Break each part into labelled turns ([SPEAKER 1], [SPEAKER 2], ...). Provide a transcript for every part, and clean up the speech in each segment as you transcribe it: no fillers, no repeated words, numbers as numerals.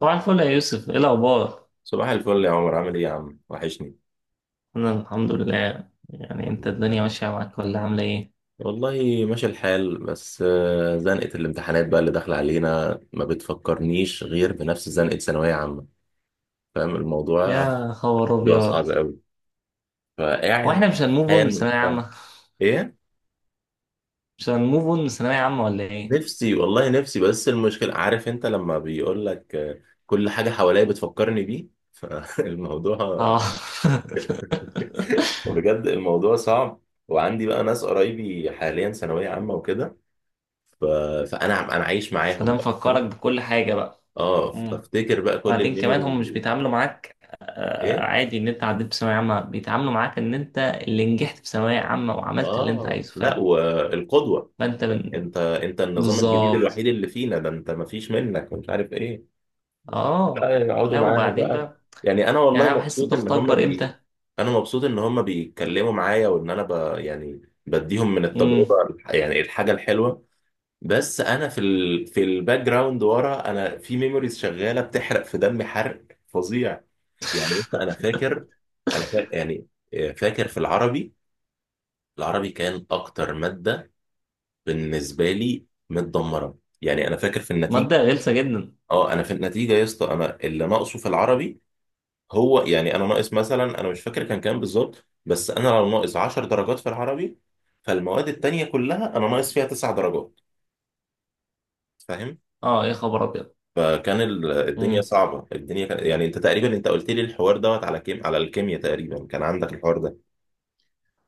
[SPEAKER 1] طبعا الفل يا يوسف ايه الاخبار.
[SPEAKER 2] صباح الفل يا عمر، عامل ايه يا عم؟ وحشني.
[SPEAKER 1] انا الحمد لله. يعني
[SPEAKER 2] الحمد
[SPEAKER 1] انت
[SPEAKER 2] لله.
[SPEAKER 1] الدنيا ماشيه معاك ولا عامله ايه؟
[SPEAKER 2] والله ماشي الحال، بس زنقة الامتحانات بقى اللي داخلة علينا ما بتفكرنيش غير بنفس زنقة ثانوية عامة. فاهم الموضوع؟
[SPEAKER 1] يا خبر
[SPEAKER 2] موضوع
[SPEAKER 1] ابيض.
[SPEAKER 2] صعب قوي.
[SPEAKER 1] هو
[SPEAKER 2] فقاعد.
[SPEAKER 1] احنا مش هنموف اون من
[SPEAKER 2] حال.
[SPEAKER 1] ثانويه عامه؟
[SPEAKER 2] ايه؟
[SPEAKER 1] مش هنموف اون من ثانويه عامه ولا ايه؟
[SPEAKER 2] نفسي والله نفسي، بس المشكلة عارف انت لما بيقول لك، كل حاجة حواليا بتفكرني بيه فالموضوع
[SPEAKER 1] اه
[SPEAKER 2] بجد الموضوع صعب. وعندي بقى ناس قرايبي حاليا ثانوية عامة وكده. ف... فانا عايش
[SPEAKER 1] فده
[SPEAKER 2] معاهم بقى.
[SPEAKER 1] مفكرك
[SPEAKER 2] فاهم؟
[SPEAKER 1] بكل حاجه بقى.
[SPEAKER 2] اه،
[SPEAKER 1] مم.
[SPEAKER 2] بفتكر بقى كل
[SPEAKER 1] وبعدين كمان هم مش
[SPEAKER 2] الميموريز.
[SPEAKER 1] بيتعاملوا معاك.
[SPEAKER 2] ايه.
[SPEAKER 1] عادي ان انت عديت في ثانويه عامه بيتعاملوا معاك ان انت اللي نجحت في ثانويه عامه وعملت اللي انت
[SPEAKER 2] اه،
[SPEAKER 1] عايزه،
[SPEAKER 2] لا،
[SPEAKER 1] فاهم.
[SPEAKER 2] والقدوه.
[SPEAKER 1] فانت من.
[SPEAKER 2] انت النظام الجديد
[SPEAKER 1] بالظبط.
[SPEAKER 2] الوحيد اللي فينا ده، انت ما فيش منك، ومش عارف ايه. بقى
[SPEAKER 1] اه.
[SPEAKER 2] يقعدوا
[SPEAKER 1] لا
[SPEAKER 2] معانا
[SPEAKER 1] وبعدين
[SPEAKER 2] بقى.
[SPEAKER 1] بقى،
[SPEAKER 2] يعني انا والله
[SPEAKER 1] يعني انا بحس
[SPEAKER 2] مبسوط
[SPEAKER 1] بضغط
[SPEAKER 2] ان هم
[SPEAKER 1] اكبر امتى.
[SPEAKER 2] انا مبسوط ان هم بيتكلموا معايا، وان انا يعني بديهم من
[SPEAKER 1] امم.
[SPEAKER 2] التجربه يعني الحاجه الحلوه. بس انا في الباك جراوند ورا، انا في ميموريز شغاله بتحرق في دمي حرق فظيع. يعني بص انا فاكر. انا فاكر يعني. فاكر في العربي. العربي كان اكتر ماده بالنسبه لي متدمره. يعني انا فاكر في النتيجه.
[SPEAKER 1] ماده غلسه جدا.
[SPEAKER 2] اه، انا في النتيجه يا اسطى، انا اللي ناقصه في العربي. هو يعني انا ناقص مثلا، انا مش فاكر كان كام بالظبط، بس انا لو ناقص 10 درجات في العربي، فالمواد التانيه كلها انا ناقص فيها 9 درجات. فاهم؟
[SPEAKER 1] اه يا خبر ابيض.
[SPEAKER 2] فكان الدنيا
[SPEAKER 1] امم.
[SPEAKER 2] صعبه، الدنيا كان يعني انت تقريبا، انت قلت لي الحوار دوت على كيم، على الكيمياء تقريبا كان عندك الحوار ده.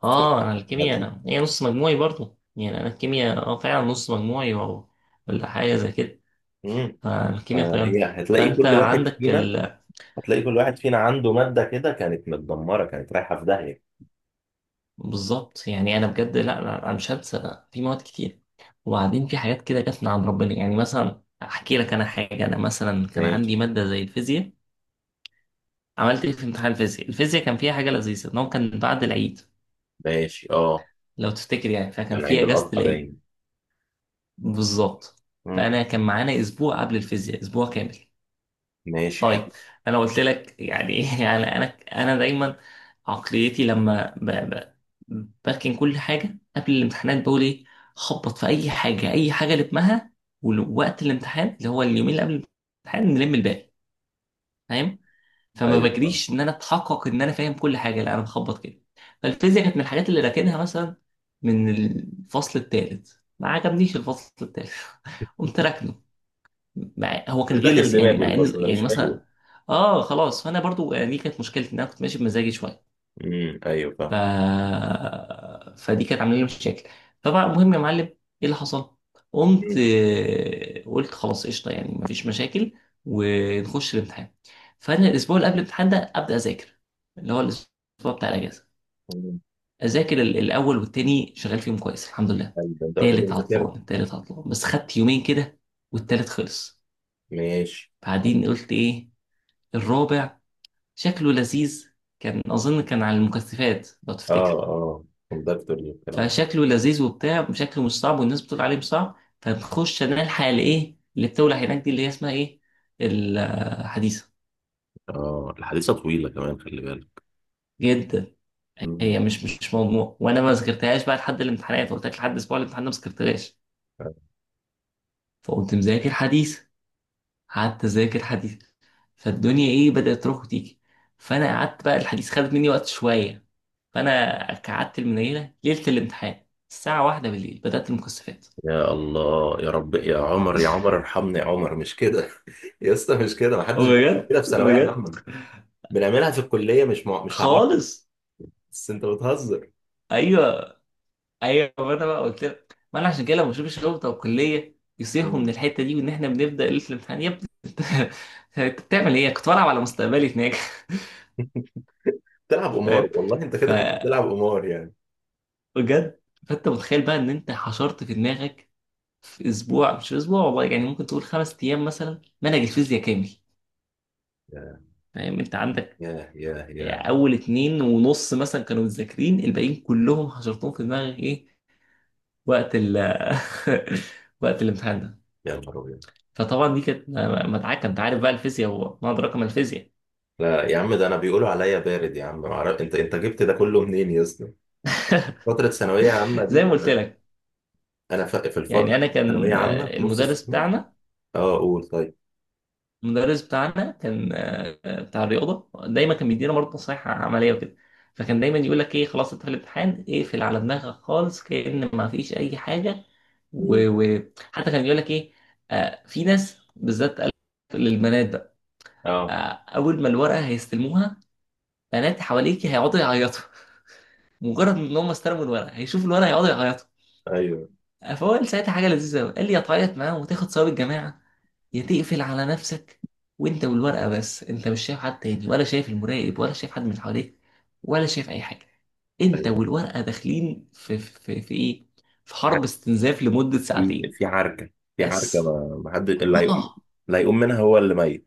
[SPEAKER 2] ف-
[SPEAKER 1] اه انا
[SPEAKER 2] هتل-
[SPEAKER 1] الكيمياء هي نص مجموعي برضو، يعني انا الكيمياء اه فعلا نص مجموعي او ولا حاجه زي كده.
[SPEAKER 2] مم.
[SPEAKER 1] فالكيمياء طيرني.
[SPEAKER 2] فهي هتلاقي
[SPEAKER 1] فانت
[SPEAKER 2] كل واحد
[SPEAKER 1] عندك
[SPEAKER 2] فينا،
[SPEAKER 1] ال...
[SPEAKER 2] هتلاقي كل واحد فينا عنده مادة كده كانت متدمرة، كانت رايحة في داهية.
[SPEAKER 1] بالظبط. يعني انا بجد لا لا، انا مش هنسى في مواد كتير. وبعدين في حاجات كده جت من عند ربنا. يعني مثلا احكي لك انا حاجه، انا مثلا كان
[SPEAKER 2] ماشي.
[SPEAKER 1] عندي ماده زي الفيزياء. عملت ايه في امتحان الفيزياء؟ الفيزياء كان فيها حاجه لذيذه، ان هو كان بعد العيد
[SPEAKER 2] ماشي اه.
[SPEAKER 1] لو تفتكر. يعني فكان
[SPEAKER 2] كان
[SPEAKER 1] في
[SPEAKER 2] عيد
[SPEAKER 1] اجازه
[SPEAKER 2] الأضحى
[SPEAKER 1] العيد.
[SPEAKER 2] باين.
[SPEAKER 1] بالظبط.
[SPEAKER 2] مم.
[SPEAKER 1] فانا كان معانا اسبوع قبل الفيزياء، اسبوع كامل.
[SPEAKER 2] ماشي
[SPEAKER 1] طيب.
[SPEAKER 2] حلو.
[SPEAKER 1] انا قلت لك يعني يعني انا انا دايما عقليتي لما بركن كل حاجه قبل الامتحانات، بقول ايه، خبط في اي حاجه، اي حاجه لمها. ووقت الامتحان اللي هو اليومين اللي قبل الامتحان، نلم الباقي، فاهم. فما
[SPEAKER 2] أيوه آه.
[SPEAKER 1] بجريش ان انا اتحقق ان انا فاهم كل حاجه، لا انا بخبط كده. فالفيزياء كانت من الحاجات اللي راكنها، مثلا من الفصل الثالث. ما عجبنيش الفصل الثالث قمت راكنه. مع... هو
[SPEAKER 2] مش
[SPEAKER 1] كان
[SPEAKER 2] داخل
[SPEAKER 1] غلس يعني،
[SPEAKER 2] دماغي
[SPEAKER 1] مع ان
[SPEAKER 2] الفصل ده،
[SPEAKER 1] يعني
[SPEAKER 2] مش حلو.
[SPEAKER 1] مثلا اه خلاص. فانا برضو يعني دي كانت مشكلتي، ان انا كنت ماشي بمزاجي شويه.
[SPEAKER 2] امم، أيوه
[SPEAKER 1] ف...
[SPEAKER 2] فاهم.
[SPEAKER 1] فدي كانت عامله لي مشاكل. طبعا المهم يا معلم ايه اللي حصل، قمت
[SPEAKER 2] مم.
[SPEAKER 1] قلت خلاص قشطه يعني مفيش مشاكل، ونخش الامتحان. فانا الاسبوع اللي قبل الامتحان ده ابدا اذاكر، اللي هو الاسبوع بتاع الاجازه.
[SPEAKER 2] مم.
[SPEAKER 1] اذاكر الاول والتاني، شغال فيهم كويس الحمد لله.
[SPEAKER 2] أيوه أنت قلت لي
[SPEAKER 1] تالت
[SPEAKER 2] مذاكرة.
[SPEAKER 1] عطلان التالت عطلان، بس خدت يومين كده والتالت خلص.
[SPEAKER 2] ماشي.
[SPEAKER 1] بعدين قلت ايه، الرابع شكله لذيذ. كان اظن كان على المكثفات لو تفتكر.
[SPEAKER 2] اه، اه، كوندكتور والكلام ده.
[SPEAKER 1] فشكله لذيذ وبتاع، شكله مش صعب والناس بتقول عليه مش صعب. فبخش انا الحق الايه اللي بتولع هناك دي، اللي هي اسمها ايه، الحديثه.
[SPEAKER 2] اه، الحديثة طويلة كمان، خلي بالك.
[SPEAKER 1] جدا.
[SPEAKER 2] مم.
[SPEAKER 1] هي مش موضوع، وانا ما ذاكرتهاش بقى لحد الامتحانات، قلت لك لحد اسبوع الامتحان ده ما ذاكرتهاش. فقمت مذاكر حديث، قعدت اذاكر حديث. فالدنيا ايه بدات تروح وتيجي. فانا قعدت بقى الحديث خدت مني وقت شويه. فانا قعدت المنيله ليله الامتحان، الساعه 1 بالليل بدات المكثفات.
[SPEAKER 2] يا الله، يا رب، يا عمر، يا عمر ارحمني يا عمر، مش كده يا اسطى مش كده، ما حدش بيعمل
[SPEAKER 1] بجد
[SPEAKER 2] كده في ثانوية
[SPEAKER 1] بجد
[SPEAKER 2] عامة. بنعملها في الكليه، مش هعرف.
[SPEAKER 1] خالص.
[SPEAKER 2] بس انت بتهزر.
[SPEAKER 1] ايوه ايوه، ما انا بقى قلت لك، ما انا عشان كده لما بشوف الشرطه والكليه يصيحوا من
[SPEAKER 2] مم.
[SPEAKER 1] الحته دي، وان احنا بنبدا ليله الامتحان يا ابني انت بتعمل ايه؟ كنت بلعب على مستقبلي هناك
[SPEAKER 2] بتلعب قمار
[SPEAKER 1] فاهم؟
[SPEAKER 2] والله، انت
[SPEAKER 1] ف
[SPEAKER 2] كده كنت بتلعب قمار يعني.
[SPEAKER 1] بجد. فانت متخيل بقى ان انت حشرت في دماغك في اسبوع، مش في اسبوع والله، يعني ممكن تقول 5 ايام مثلا، منهج الفيزياء كامل.
[SPEAKER 2] يا
[SPEAKER 1] فاهم؟ انت عندك
[SPEAKER 2] يا يا يا
[SPEAKER 1] اول اتنين ونص مثلا كانوا مذاكرين، الباقيين كلهم حشرتهم في دماغك ايه؟ وقت ال وقت الامتحان ده.
[SPEAKER 2] يا نهار ابيض.
[SPEAKER 1] فطبعا دي كانت مدعكه. انت عارف بقى الفيزياء وما ادراك ما الفيزياء.
[SPEAKER 2] لا يا عم، ده انا بيقولوا عليا بارد يا عم، ما اعرف انت، انت جبت ده كله منين يا اسطى؟ فتره ثانويه عامه
[SPEAKER 1] زي ما
[SPEAKER 2] دي.
[SPEAKER 1] قلت لك.
[SPEAKER 2] انا في
[SPEAKER 1] يعني
[SPEAKER 2] الفتره
[SPEAKER 1] انا
[SPEAKER 2] ثانويه
[SPEAKER 1] كان
[SPEAKER 2] عامه في نص
[SPEAKER 1] المدرس
[SPEAKER 2] السنه.
[SPEAKER 1] بتاعنا،
[SPEAKER 2] اه قول طيب.
[SPEAKER 1] كان بتاع الرياضه، دايما كان بيدينا برضه نصايح عمليه وكده. فكان دايما يقول لك ايه، خلاص انت في الامتحان اقفل على دماغك خالص، كأن ما فيش اي حاجه.
[SPEAKER 2] مم.
[SPEAKER 1] وحتى كان بيقول لك ايه، في ناس بالذات، قال للبنات بقى،
[SPEAKER 2] اه.
[SPEAKER 1] آه، اول ما الورقه هيستلموها، بنات حواليك هيقعدوا يعيطوا مجرد ان هم استلموا الورقه هيشوفوا الورقه هيقعدوا يعيطوا.
[SPEAKER 2] ايوه
[SPEAKER 1] فهو قال ساعتها حاجه لذيذه قوي، قال لي يا تعيط معاه وتاخد ثواب الجماعه، يا تقفل على نفسك وانت والورقه بس، انت مش شايف حد تاني ولا شايف المراقب ولا شايف حد من حواليك ولا شايف اي حاجه. انت
[SPEAKER 2] ايوه.
[SPEAKER 1] والورقه داخلين في ايه، في
[SPEAKER 2] عارف،
[SPEAKER 1] حرب استنزاف لمده
[SPEAKER 2] في
[SPEAKER 1] ساعتين
[SPEAKER 2] في عركه. في عركه،
[SPEAKER 1] بس.
[SPEAKER 2] ما حد اللي هيقوم،
[SPEAKER 1] اه.
[SPEAKER 2] اللي هيقوم منها هو اللي ميت.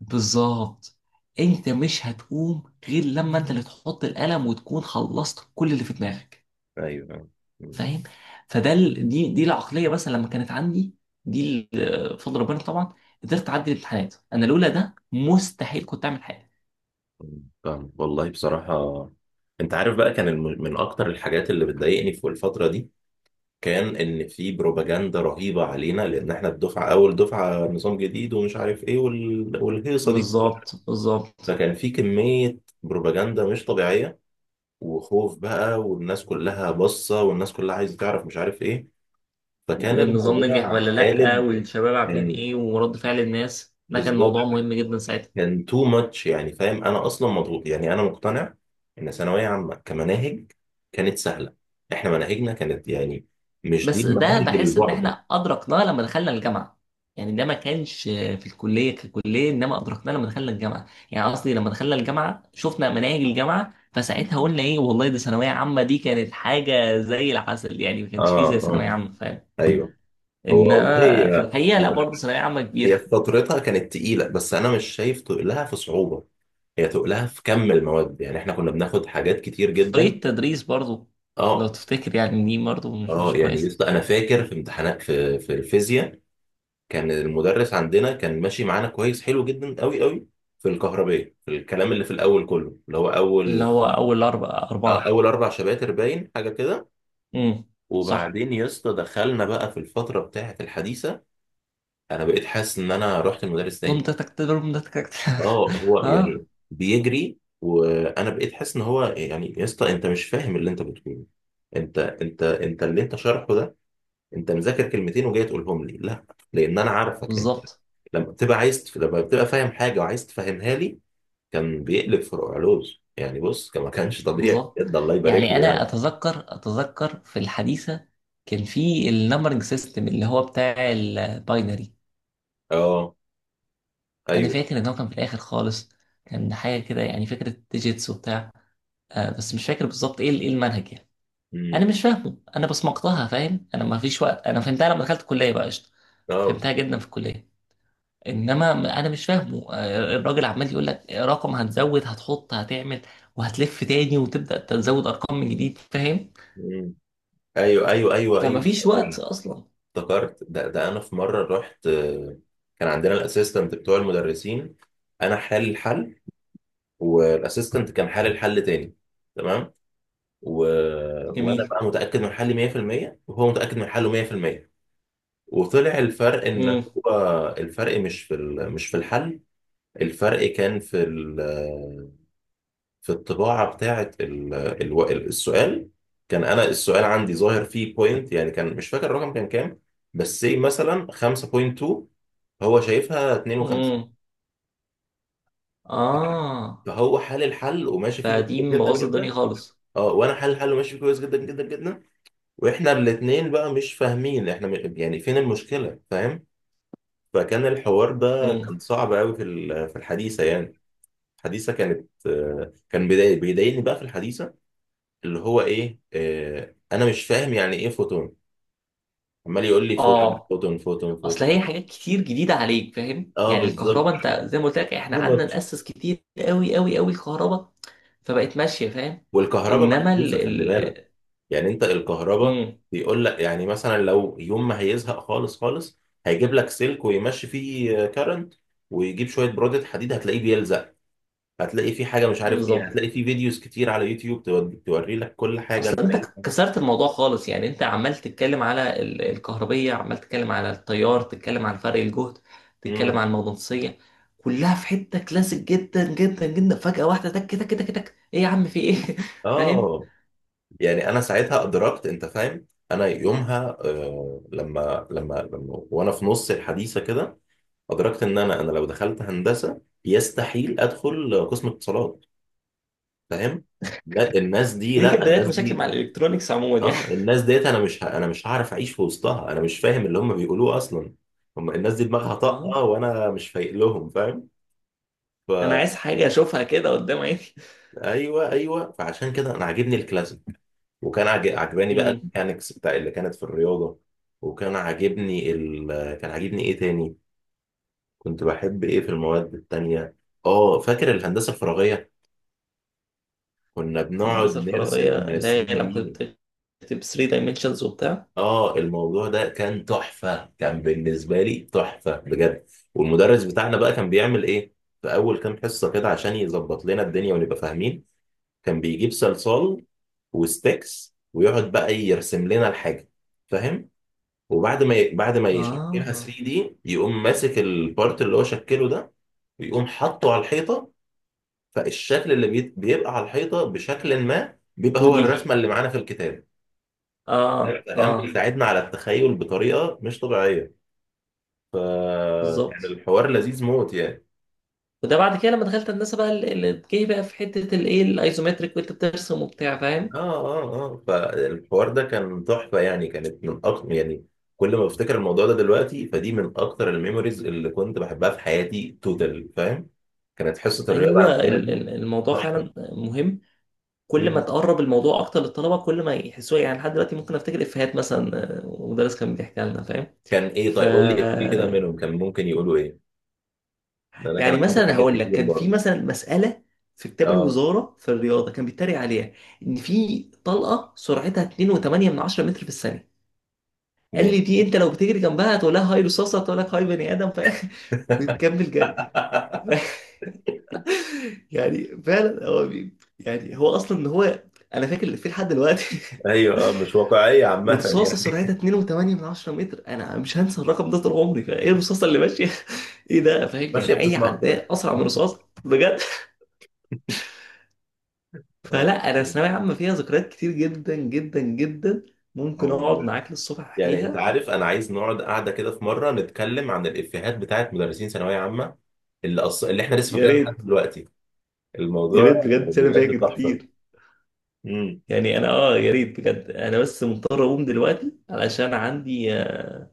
[SPEAKER 1] بالظبط. انت مش هتقوم غير لما انت اللي تحط القلم وتكون خلصت كل اللي في دماغك،
[SPEAKER 2] ايوه.
[SPEAKER 1] فاهم. فده ال... دي العقليه مثلا لما كانت عندي، بفضل ربنا طبعا قدرت اعدي الامتحانات. انا لولا ده مستحيل كنت اعمل حاجه.
[SPEAKER 2] فاهم والله بصراحة. انت عارف بقى، كان من اكتر الحاجات اللي بتضايقني في الفترة دي، كان ان في بروباجندا رهيبة علينا، لان احنا الدفعة، اول دفعة نظام جديد ومش عارف ايه والهيصة دي.
[SPEAKER 1] بالظبط.
[SPEAKER 2] فكان في كمية بروباجندا مش طبيعية، وخوف بقى، والناس كلها باصة، والناس كلها عايزة تعرف، مش عارف ايه. فكان
[SPEAKER 1] والنظام نجح ولا
[SPEAKER 2] الموضوع
[SPEAKER 1] لأ،
[SPEAKER 2] قالب.
[SPEAKER 1] والشباب عاملين
[SPEAKER 2] يعني
[SPEAKER 1] ايه، ورد فعل الناس، ده كان
[SPEAKER 2] بالظبط.
[SPEAKER 1] موضوع مهم جدا ساعتها.
[SPEAKER 2] كان تو ماتش يعني، فاهم؟ انا اصلا مضغوط يعني. انا مقتنع ان ثانويه عامه كمناهج كانت سهله. احنا مناهجنا كانت يعني مش دي
[SPEAKER 1] بس ده
[SPEAKER 2] المناهج
[SPEAKER 1] بحس ان
[SPEAKER 2] البعبع.
[SPEAKER 1] احنا ادركناه لما دخلنا الجامعه. يعني ده ما كانش في الكليه ككليه، انما ادركناه لما دخلنا الجامعه. يعني قصدي لما دخلنا الجامعه شفنا مناهج الجامعه، فساعتها قلنا ايه والله دي ثانويه عامه دي كانت حاجه زي العسل. يعني ما كانش فيه
[SPEAKER 2] اه
[SPEAKER 1] زي ثانويه
[SPEAKER 2] اه
[SPEAKER 1] عامه، فاهم.
[SPEAKER 2] ايوه. هو والله
[SPEAKER 1] انما في
[SPEAKER 2] هي،
[SPEAKER 1] الحقيقه لا، برضه ثانويه عامه كبيره.
[SPEAKER 2] هي في فترتها كانت تقيله، بس انا مش شايف تقلها في صعوبه، هي تقلها في كم المواد. يعني احنا كنا بناخد حاجات كتير جدا.
[SPEAKER 1] طريقه التدريس برضه لو
[SPEAKER 2] اه.
[SPEAKER 1] تفتكر، يعني دي برضه مش
[SPEAKER 2] اه
[SPEAKER 1] مش
[SPEAKER 2] يعني
[SPEAKER 1] كويسه.
[SPEAKER 2] يسطا، انا فاكر في امتحانات في الفيزياء، كان المدرس عندنا كان ماشي معانا كويس، حلو جدا قوي قوي. في الكهربية، في الكلام اللي في الاول كله، اللي هو
[SPEAKER 1] اللي
[SPEAKER 2] اول،
[SPEAKER 1] هو اول اربعه اربعه.
[SPEAKER 2] اول اربع شباتر باين حاجه كده.
[SPEAKER 1] امم. صح.
[SPEAKER 2] وبعدين يا اسطى دخلنا بقى في الفتره بتاعه الحديثه. انا بقيت حاسس ان انا رحت لمدرس
[SPEAKER 1] ضم
[SPEAKER 2] تاني.
[SPEAKER 1] تك تك ضم تك تك
[SPEAKER 2] اه هو
[SPEAKER 1] اه.
[SPEAKER 2] يعني بيجري، وانا بقيت حاسس ان هو يعني، يا اسطى انت مش فاهم اللي انت بتقوله، انت اللي انت شارحه ده، انت مذاكر كلمتين وجاي تقولهم لي. لا، لان انا عارفك انت.
[SPEAKER 1] بالظبط
[SPEAKER 2] لما بتبقى فاهم حاجه وعايز تفهمها لي، كان بيقلب فروع علوز يعني. بص، كان ما كانش طبيعي
[SPEAKER 1] بالظبط
[SPEAKER 2] بجد، الله يبارك
[SPEAKER 1] يعني
[SPEAKER 2] له
[SPEAKER 1] انا
[SPEAKER 2] يعني.
[SPEAKER 1] اتذكر في الحديثه، كان في النمبرنج سيستم اللي هو بتاع الباينري.
[SPEAKER 2] اه
[SPEAKER 1] انا
[SPEAKER 2] ايوه.
[SPEAKER 1] فاكر ان هو كان في الاخر خالص. كان حاجه كده يعني فكره ديجيتس وبتاع. آه بس مش فاكر بالظبط ايه ايه المنهج يعني. انا
[SPEAKER 2] امم.
[SPEAKER 1] مش فاهمه، انا بصمجتها، فاهم، انا ما فيش وقت. انا فهمتها لما دخلت الكليه بقى قشطه.
[SPEAKER 2] اه
[SPEAKER 1] فهمتها
[SPEAKER 2] بالظبط.
[SPEAKER 1] جدا في الكليه. انما انا مش فاهمه، الراجل عمال يقول لك رقم هتزود هتحط هتعمل، وهتلف تاني وتبدا تزود ارقام من جديد، فاهم.
[SPEAKER 2] امم. ايوه، ايوه، ايوه، ايوه.
[SPEAKER 1] فما فيش وقت
[SPEAKER 2] أيوة.
[SPEAKER 1] اصلا.
[SPEAKER 2] افتكرت. ده انا في مره رحت، كان عندنا الاسيستنت بتوع المدرسين. انا حل الحل، والاسيستنت كان حل الحل تاني. تمام. و... وانا
[SPEAKER 1] جميل.
[SPEAKER 2] بقى متاكد من حلي 100%، وهو متاكد من حله 100%. وطلع الفرق ان،
[SPEAKER 1] امم.
[SPEAKER 2] هو الفرق مش في الحل، الفرق كان في ال... في الطباعه بتاعه السؤال. كان انا السؤال عندي ظاهر فيه بوينت، يعني كان مش فاكر الرقم كان كام، بس سي مثلا 5.2، هو شايفها 52.
[SPEAKER 1] امم. اه.
[SPEAKER 2] فهو حل الحل وماشي فيه
[SPEAKER 1] فدي
[SPEAKER 2] كويس جدا
[SPEAKER 1] مبوظه الدنيا
[SPEAKER 2] جدا.
[SPEAKER 1] خالص.
[SPEAKER 2] اه، وانا حل الحل وماشي فيه كويس جدا جدا جدا. واحنا الاتنين بقى مش فاهمين احنا، يعني فين المشكلة، فاهم؟ فكان الحوار ده
[SPEAKER 1] امم.
[SPEAKER 2] كان صعب قوي في الحديثة يعني. الحديثة كانت، كان بيضايقني بقى في الحديثة، اللي هو ايه، انا مش فاهم يعني ايه فوتون. عمال يقول لي فوتون
[SPEAKER 1] اه.
[SPEAKER 2] فوتون فوتون
[SPEAKER 1] اصل هي
[SPEAKER 2] فوتون.
[SPEAKER 1] حاجات كتير جديده عليك، فاهم.
[SPEAKER 2] اه
[SPEAKER 1] يعني
[SPEAKER 2] بالظبط،
[SPEAKER 1] الكهرباء انت زي ما قلت لك
[SPEAKER 2] تو
[SPEAKER 1] احنا قعدنا
[SPEAKER 2] ماتش.
[SPEAKER 1] ناسس كتير قوي الكهرباء، فبقت ماشيه، فاهم.
[SPEAKER 2] والكهرباء
[SPEAKER 1] انما ال
[SPEAKER 2] محسوسة خلي بالك.
[SPEAKER 1] ال
[SPEAKER 2] يعني انت الكهرباء
[SPEAKER 1] امم.
[SPEAKER 2] بيقول لك يعني مثلا لو يوم ما هيزهق خالص خالص، هيجيب لك سلك ويمشي فيه كارنت، ويجيب شوية برودة حديد هتلاقيه بيلزق، هتلاقي في حاجه مش عارف ايه،
[SPEAKER 1] بالظبط.
[SPEAKER 2] هتلاقي في فيديوز كتير على يوتيوب توري لك كل حاجه
[SPEAKER 1] اصل
[SPEAKER 2] انت
[SPEAKER 1] انت
[SPEAKER 2] عايزها.
[SPEAKER 1] كسرت الموضوع خالص. يعني انت عمال تتكلم على الكهربية، عمال تتكلم على التيار، تتكلم عن فرق الجهد، تتكلم
[SPEAKER 2] امم.
[SPEAKER 1] عن المغناطيسية، كلها في حتة كلاسيك جدا، فجأة واحدة تك تك تك تك ايه يا عم في ايه فاهم.
[SPEAKER 2] اه، يعني انا ساعتها ادركت، انت فاهم، انا يومها آه، لما وانا في نص الحديثه كده، ادركت ان انا لو دخلت هندسه يستحيل ادخل قسم اتصالات. فاهم؟ لا، الناس دي،
[SPEAKER 1] دي كانت
[SPEAKER 2] لا، الناس
[SPEAKER 1] بداية مشاكل مع
[SPEAKER 2] دي.
[SPEAKER 1] الالكترونيكس عموما يعني.
[SPEAKER 2] اه، الناس ديت انا، مش ه- انا مش هعرف اعيش في وسطها، انا مش فاهم اللي هم بيقولوه اصلا. هم الناس دي دماغها
[SPEAKER 1] اه
[SPEAKER 2] طاقه، وانا مش فايق لهم، فاهم؟ ف
[SPEAKER 1] انا عايز حاجة اشوفها كده قدام عيني
[SPEAKER 2] ايوه ايوه، فعشان كده انا عاجبني الكلاسيك. وكان عجباني بقى
[SPEAKER 1] امم.
[SPEAKER 2] الميكانيكس بتاع اللي كانت في الرياضه. وكان عاجبني ال، كان عاجبني ايه تاني، كنت بحب ايه في المواد التانية؟ اه فاكر الهندسه الفراغيه، كنا بنقعد
[SPEAKER 1] الهندسة الفراغية،
[SPEAKER 2] نرسم
[SPEAKER 1] اللي
[SPEAKER 2] 3
[SPEAKER 1] هي لما
[SPEAKER 2] دي.
[SPEAKER 1] كنت بتكتب 3 dimensions وبتاع.
[SPEAKER 2] اه الموضوع ده كان تحفه، كان بالنسبه لي تحفه بجد. والمدرس بتاعنا بقى كان بيعمل ايه؟ في اول كام حصه كده عشان يظبط لنا الدنيا ونبقى فاهمين، كان بيجيب صلصال وستيكس، ويقعد بقى يرسم لنا الحاجه، فاهم؟ وبعد ما ي... بعد ما يشكلها
[SPEAKER 1] اه.
[SPEAKER 2] 3 دي، يقوم ماسك البارت اللي هو شكله ده، ويقوم حاطه على الحيطه، فالشكل اللي بيبقى على الحيطه بشكل ما، بيبقى هو
[SPEAKER 1] 2D.
[SPEAKER 2] الرسمه اللي معانا في الكتاب. ده
[SPEAKER 1] اه
[SPEAKER 2] كان
[SPEAKER 1] اه.
[SPEAKER 2] بيساعدنا على التخيل بطريقه مش طبيعيه. كان
[SPEAKER 1] بالظبط.
[SPEAKER 2] الحوار لذيذ موت يعني.
[SPEAKER 1] وده بعد كده لما دخلت هندسه بقى جه بقى في حته الايه الايزومتريك، وانت بترسم وبتاع، فاهم.
[SPEAKER 2] اه، اه، اه. فالحوار ده كان تحفة يعني، كانت من أكتر يعني، كل ما بفتكر الموضوع ده دلوقتي، فدي من أكتر الميموريز اللي كنت بحبها في حياتي توتال، فاهم؟ كانت حصة الرياضة
[SPEAKER 1] ايوه.
[SPEAKER 2] عندنا دي
[SPEAKER 1] الموضوع
[SPEAKER 2] تحفة.
[SPEAKER 1] فعلا مهم. كل ما
[SPEAKER 2] مم.
[SPEAKER 1] تقرب الموضوع اكتر للطلبه، كل ما يحسوه. يعني لحد دلوقتي ممكن افتكر افيهات مثلا، مدرس كان بيحكيها لنا، فاهم.
[SPEAKER 2] كان إيه؟
[SPEAKER 1] ف
[SPEAKER 2] طيب قول لي إفيه كده منهم، كان ممكن يقولوا إيه؟ ده أنا كان
[SPEAKER 1] يعني
[SPEAKER 2] عندي
[SPEAKER 1] مثلا
[SPEAKER 2] حاجات
[SPEAKER 1] هقول لك
[SPEAKER 2] كتير
[SPEAKER 1] كان في
[SPEAKER 2] برضه.
[SPEAKER 1] مثلا مساله في كتاب
[SPEAKER 2] اه.
[SPEAKER 1] الوزاره في الرياضه، كان بيتريق عليها ان في طلقه سرعتها 2.8 من 10 متر في الثانيه. قال
[SPEAKER 2] ماشي.
[SPEAKER 1] لي دي انت لو بتجري جنبها هتقول لها هاي رصاصه، هتقول لك هاي بني ادم، فاهم وتكمل جري يعني فعلا هو بي... يعني هو اصلا ان هو انا فاكر اللي فيه لحد دلوقتي
[SPEAKER 2] ايوه اه، مش واقعية عامة
[SPEAKER 1] ورصاصه سرعتها
[SPEAKER 2] يعني.
[SPEAKER 1] 2.8 من 10 متر، انا مش هنسى الرقم ده طول عمري. فايه الرصاصه اللي ماشيه ايه ده، فاهم.
[SPEAKER 2] ماشية
[SPEAKER 1] يعني اي
[SPEAKER 2] بتتمخضر.
[SPEAKER 1] عداء اسرع من رصاص، بجد.
[SPEAKER 2] اه.
[SPEAKER 1] فلا انا ثانويه عامه فيها ذكريات كتير جدا. ممكن اقعد
[SPEAKER 2] والله.
[SPEAKER 1] معاك للصبح
[SPEAKER 2] يعني انت
[SPEAKER 1] احكيها.
[SPEAKER 2] عارف، انا عايز نقعد قاعده كده في مره، نتكلم عن الافيهات بتاعت مدرسين ثانويه عامه، اللي احنا لسه
[SPEAKER 1] يا
[SPEAKER 2] فاكرينها لحد
[SPEAKER 1] ريت.
[SPEAKER 2] دلوقتي.
[SPEAKER 1] يا
[SPEAKER 2] الموضوع
[SPEAKER 1] ريت بجد انا
[SPEAKER 2] بجد
[SPEAKER 1] فاكر
[SPEAKER 2] تحفه.
[SPEAKER 1] كتير.
[SPEAKER 2] امم.
[SPEAKER 1] يعني انا اه يا ريت بجد. انا بس مضطر اقوم دلوقتي، علشان عندي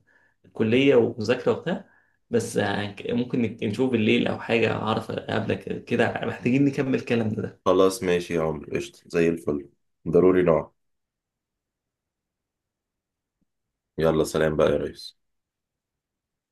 [SPEAKER 1] كلية ومذاكرة وبتاع. بس ممكن نشوف بالليل أو حاجة أعرف أقابلك كده، محتاجين نكمل كلامنا ده.
[SPEAKER 2] خلاص ماشي يا عمرو، قشطه زي الفل. ضروري نقعد. يلا سلام بقى يا ريس.